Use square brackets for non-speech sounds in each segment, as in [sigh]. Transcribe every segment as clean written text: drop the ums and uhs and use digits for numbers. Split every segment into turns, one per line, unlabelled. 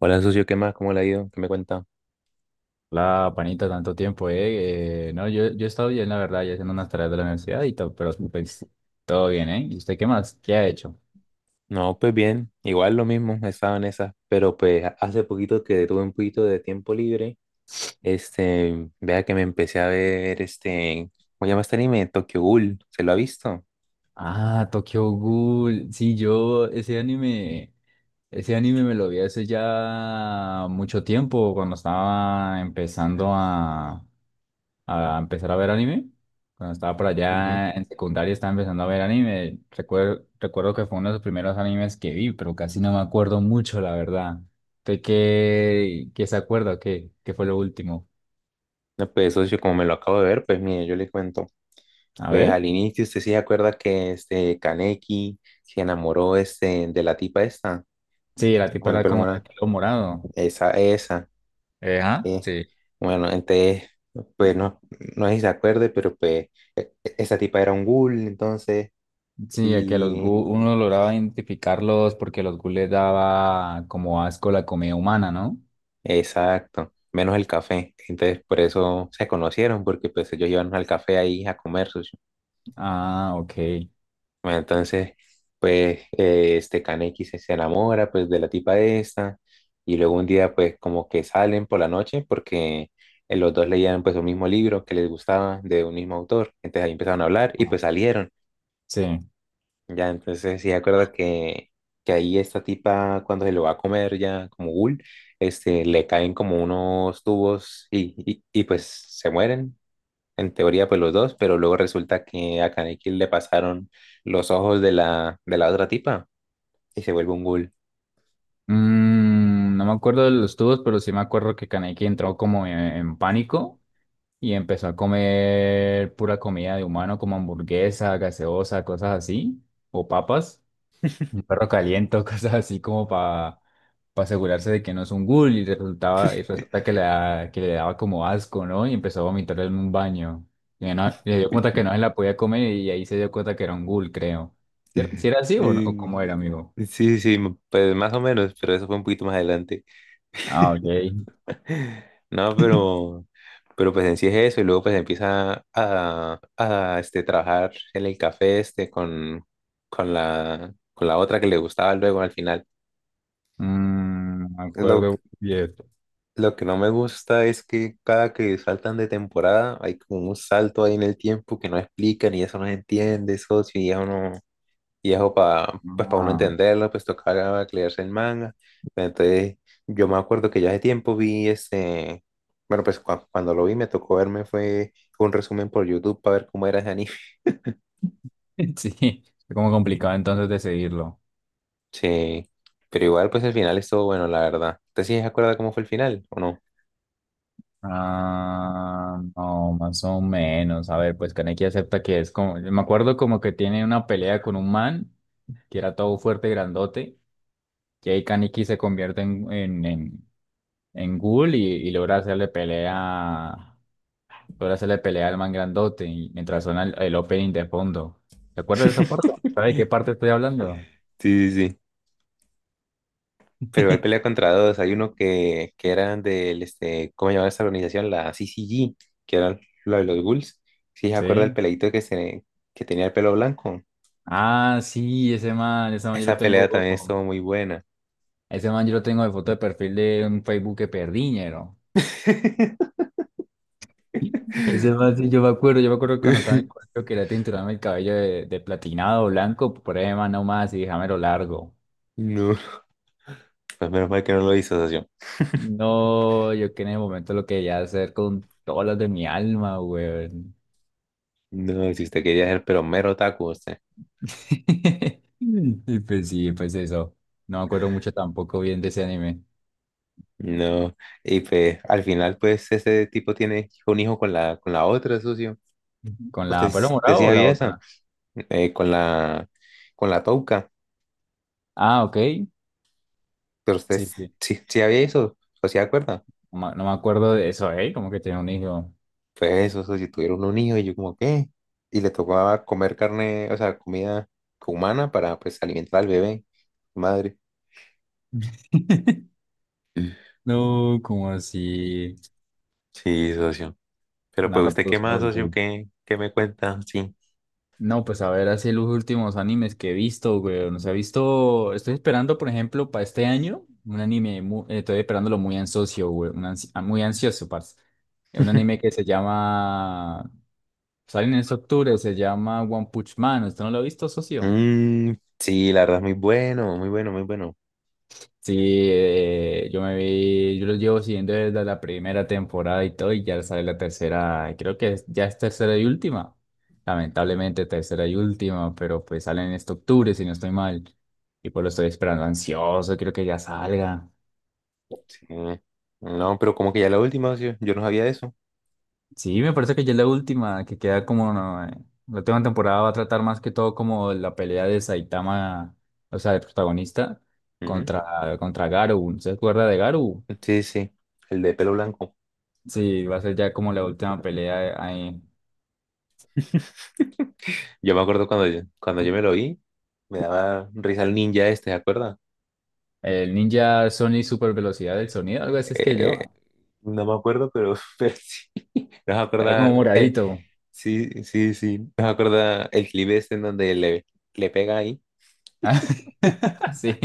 Hola, socio, ¿qué más? ¿Cómo le ha ido? ¿Qué me cuenta?
La panita, tanto tiempo, ¿eh? No, yo he estado bien, la verdad, ya haciendo unas tareas de la universidad y todo, pero pues, todo bien, ¿eh? ¿Y usted qué más? ¿Qué ha hecho?
No, pues bien, igual lo mismo, estaba en esas, pero pues hace poquito que tuve un poquito de tiempo libre, este, vea que me empecé a ver este, ¿cómo se llama este anime? Tokyo Ghoul, ¿se lo ha visto?
Ah, Tokyo Ghoul. Sí, yo ese anime me lo vi hace ya mucho tiempo, cuando estaba empezando a empezar a ver anime. Cuando estaba por
Ujú.
allá en secundaria estaba empezando a ver anime. Recuerdo que fue uno de los primeros animes que vi, pero casi no me acuerdo mucho, la verdad. ¿Usted qué se acuerda? ¿Qué fue lo último?
No, pues socio, como me lo acabo de ver, pues mire, yo le cuento,
A
pues
ver.
al inicio usted sí se acuerda que este Kaneki se enamoró este de la tipa esta,
Sí, la tipa
con el
era
pelo
como de
morado,
pelo morado.
esa, esa.
¿Ah?
Sí.
Sí.
Bueno, entonces, pues no, no sé si se acuerde, pero pues esa tipa era un ghoul, entonces,
Sí, el que los gu
y
uno lograba identificarlos porque los gu les daba como asco la comida humana, ¿no?
exacto, menos el café. Entonces, por eso se conocieron, porque pues ellos iban al café ahí a comer socio.
Ah, ok.
Bueno, entonces, pues este Kaneki se enamora pues de la tipa esta, y luego un día pues como que salen por la noche, porque los dos leían pues un mismo libro que les gustaba de un mismo autor. Entonces ahí empezaron a hablar y
Ah,
pues salieron.
sí.
Ya, entonces sí, de acuerdo que ahí esta tipa, cuando se lo va a comer ya como ghoul, este, le caen como unos tubos y pues se mueren, en teoría pues los dos, pero luego resulta que a Kaneki le pasaron los ojos de la otra tipa y se vuelve un ghoul.
No me acuerdo de los tubos, pero sí me acuerdo que Kaneki entró como en pánico y empezó a comer pura comida de humano, como hamburguesa, gaseosa, cosas así, o papas, un perro caliente, [laughs] o cosas así como para asegurarse de que no es un ghoul y resulta que le daba como asco, ¿no? Y empezó a vomitar en un baño. Y le dio cuenta
[laughs]
que no se la podía comer y ahí se dio cuenta que era un ghoul, creo. ¿Si era así o no? ¿O
Mm.
cómo era, amigo?
Sí, sí, pues más o menos, pero eso fue un poquito más adelante.
Ah, ok.
[laughs] No, pero pues en sí es eso, y luego pues empieza a este, trabajar en el café este con con la otra que le gustaba luego al final.
Mm, me
Lo,
acuerdo y esto.
lo que no me gusta es que cada que saltan de temporada hay como un salto ahí en el tiempo que no explican y eso no se entiende, socio, y eso no, y eso para pues para uno
Ah,
entenderlo, pues tocaba leerse el manga. Pero entonces yo me acuerdo que ya hace tiempo vi ese, bueno, pues cuando lo vi me tocó verme fue un resumen por YouTube para ver cómo era ese anime. [laughs]
[laughs] sí, es como complicado entonces decidirlo.
Sí, pero igual pues el final estuvo bueno, la verdad. ¿Usted sí se acuerda cómo fue el final o no?
Ah, no, más o menos. A ver, pues Kaneki acepta que es como. Me acuerdo como que tiene una pelea con un man que era todo fuerte y grandote. Y ahí Kaneki se convierte en ghoul y logra hacerle pelea. Logra hacerle pelea al man grandote y mientras suena el opening de fondo. ¿Te acuerdas de esa parte? ¿Sabes de qué parte estoy hablando?
Sí, sí, sí. Pero igual pelea
[laughs]
contra dos. Hay uno que eran del, este, ¿cómo llamaba esta organización? La CCG, que eran la de los ghouls. Sí, se acuerda el
Sí.
peleito que, se, que tenía el pelo blanco.
Ah, sí,
Esa pelea también estuvo muy buena.
ese man yo lo tengo de foto de perfil de un Facebook que perdí, ñero.
[laughs]
Ese man, sí, yo me acuerdo, que
Uh,
cuando estaba en el
[laughs]
colegio quería tinturarme el cabello de platinado blanco, por ahí man nomás y dejámelo largo.
no, pues menos mal que no lo hizo, socio.
No, yo que en el momento lo quería hacer con todas las de mi alma, weón.
No, si usted quería ser, pero mero otaku, usted.
[laughs] Y pues sí, pues eso. No me acuerdo mucho tampoco bien de ese anime.
No, y pues al final, pues ese tipo tiene un hijo con la otra, socio.
¿Con la pelo
Usted
morado
sí
o la
había eso,
otra?
eh, con la, con la touca,
Ah, ok.
pero usted
Sí, sí,
sí, sí había eso, o sea, ¿acuerda?
no me acuerdo de eso, ¿eh? Como que tenía un hijo.
Pues eso, socio, tuvieron un hijo y yo como, ¿qué? Y le tocaba comer carne, o sea, comida humana para, pues, alimentar al bebé. Madre.
[laughs]
Mm.
No, como así.
Sí, socio. Pero pues
Nada,
usted qué
pues,
más,
no,
socio,
güey.
qué, qué me cuenta, sí.
No, pues a ver, así los últimos animes que he visto, güey. No se ha visto. Estoy esperando, por ejemplo, para este año, un anime. Estoy esperándolo muy ansioso, güey. Muy ansioso, parce. Es un anime
[laughs]
que se llama. Sale en este octubre, se llama One Punch Man. ¿Usted no lo ha visto, socio?
Mm, sí, la verdad es muy bueno, muy bueno, muy bueno.
Sí, yo los llevo siguiendo desde la primera temporada y todo, y ya sale la tercera, creo que ya es tercera y última, lamentablemente tercera y última, pero pues salen en este octubre, si no estoy mal, y pues lo estoy esperando ansioso, creo que ya salga.
Sí. No, pero como que ya la última, socio, yo no sabía eso.
Sí, me parece que ya es la última, que queda como, no, la última temporada va a tratar más que todo como la pelea de Saitama, o sea, el protagonista, contra, Garou, ¿se acuerda de Garou?
Ujú. Sí, sí, el de pelo blanco.
Sí, va a ser ya como la última pelea ahí.
[laughs] Yo me acuerdo cuando cuando yo me lo vi, me daba risa el ninja este, ¿se acuerda?
El Ninja Sony Super Velocidad del Sonido, algo así es que
Eh,
yo.
no me acuerdo, pero, [laughs] pero sí. Nos
Era, ah, como pero
acuerda, el-
moradito.
sí, sí, sí, nos acuerda el clip este en donde le pega ahí. [laughs]
[laughs] Sí.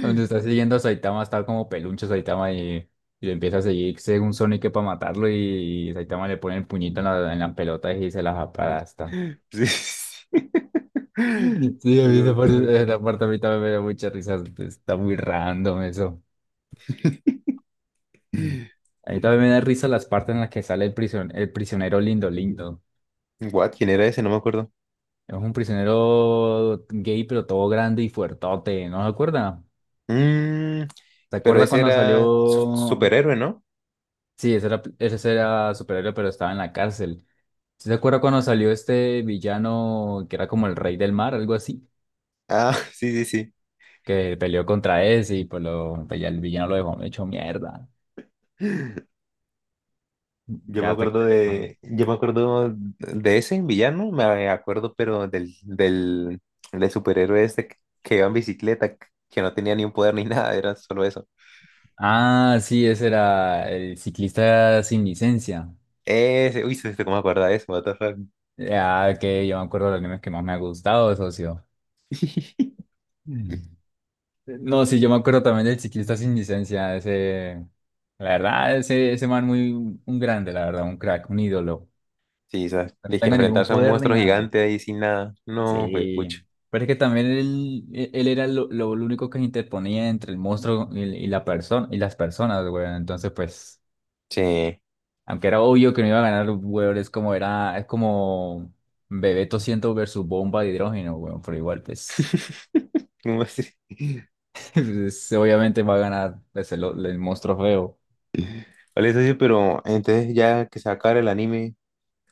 Donde está siguiendo a Saitama, está como peluncho Saitama y, lo empieza a seguir según Sonic para matarlo y Saitama le pone el puñito en la pelota y se las aplasta.
Sí, sí.
Sí, a
Esa
mí
parte
esa parte a mí también me da mucha risa. Está muy random eso. Mm.
me-
A mí también me da risa las partes en las que sale el el prisionero lindo, lindo.
[clears throat] What? ¿Quién era ese? No me acuerdo.
Es un prisionero gay, pero todo grande y fuertote, ¿no se acuerda?
Mm,
¿Se
pero
acuerda
ese
cuando
era su-
salió?
superhéroe, ¿no?
Sí, ese era superhéroe, pero estaba en la cárcel. ¿Sí se acuerda cuando salió este villano que era como el rey del mar, algo así?
Ah, [laughs] sí, sí, sí.
Que peleó contra ese y pues, pues ya el villano lo dejó hecho mierda.
Yo me
Ya hasta que...
acuerdo de, yo me acuerdo de ese villano, me acuerdo, pero del, del superhéroe este que iba en bicicleta, que no tenía ni un poder ni nada, era solo eso.
Ah, sí, ese era el ciclista sin licencia.
Ese, uy, se- se- ¿cómo me acuerda de eso? What the fuck?
Ya que yo me acuerdo de los animes que más me ha gustado, socio.
[laughs]
No, sí, yo me acuerdo también del ciclista sin licencia, ese, la verdad, ese man muy, un grande, la verdad, un crack, un ídolo.
Sí, o sea,
No
de que
tenga ningún
enfrentarse a un
poder ni
monstruo
nada.
gigante ahí sin nada. No, fue pucho.
Sí, pero es que también él era lo único que se interponía entre el monstruo y la persona, y las personas, güey. Entonces, pues,
Sí.
aunque era obvio que no iba a ganar, güey, es como Bebeto 100 versus Bomba de Hidrógeno, güey, pero igual, pues,
[laughs]
[laughs] pues, obviamente va a ganar pues, el monstruo feo.
Vale, socio, pero entonces ya que se acaba el anime,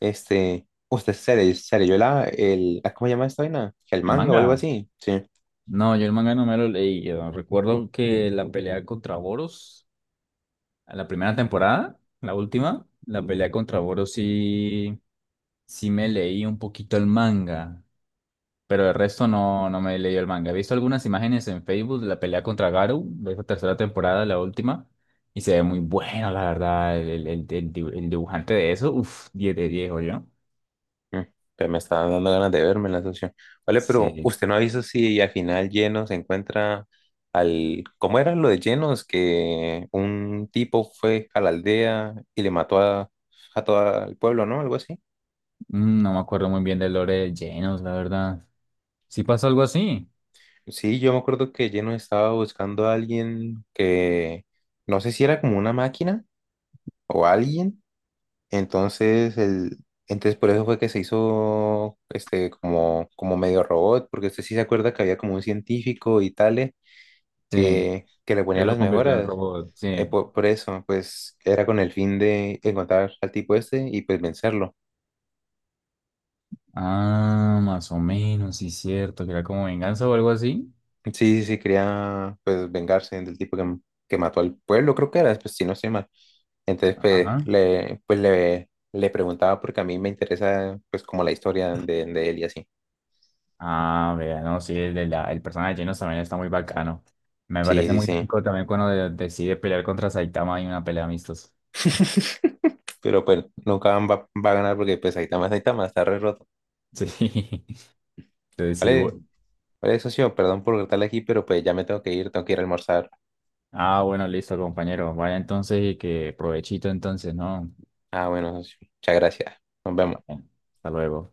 este, se leyó la, el, ah, ¿cómo se llama esta vaina? El
El
manga o
manga.
algo así. Sí.
No, yo el manga no me lo leí. Yo recuerdo que la pelea contra Boros, en la primera temporada, la última, la pelea contra Boros sí, sí me leí un poquito el manga, pero el resto no, no me leí el manga. He visto algunas imágenes en Facebook de la pelea contra Garou, de esa tercera temporada, la última, y se ve muy bueno, la verdad, el dibujante de eso, uff, 10 de 10, yo.
Mm, pero me está dando ganas de verme la socio. Vale, pero
Sí,
usted no avisó si al final Lleno se encuentra al, ¿cómo era lo de Llenos? Que un tipo fue a la aldea y le mató a todo el pueblo, ¿no? Algo así.
No me acuerdo muy bien del lore de Genos, la verdad. Sí pasó algo así.
Sí, yo me acuerdo que Llenos estaba buscando a alguien que, no sé si era como una máquina o alguien. Entonces, el, entonces por eso fue que se hizo este como, como medio robot, porque usted sí se acuerda que había como un científico y tales
Sí.
que le ponía
Él lo
las
convirtió en
mejoras.
robot, sí.
Por, eso, pues era con el fin de encontrar al tipo este y pues vencerlo.
Ah, más o menos, sí, cierto, que era como venganza o algo así.
Sí, sí, sí, quería pues vengarse del tipo que mató al pueblo, creo que era, pues si no estoy mal. Entonces,
Ajá.
pues, le preguntaba porque a mí me interesa pues como la historia de él y así.
Ah, vea, no, sí, el personaje de Genos también está muy bacano. Me parece
Sí,
muy
sí,
épico también cuando decide pelear contra Saitama en una pelea amistosa.
sí. [laughs] Pero bueno, nunca van- va, va a ganar porque pues Saitama es Saitama, está re roto.
Sí. [laughs] Entonces, sí,
Vale, vale, socio, perdón por cortarle aquí, pero pues ya me tengo que ir a almorzar.
bueno, listo, compañero. Vaya entonces y que provechito entonces, ¿no?
Ah, bueno, socio, muchas gracias. Nos vemos.
Bueno, hasta luego.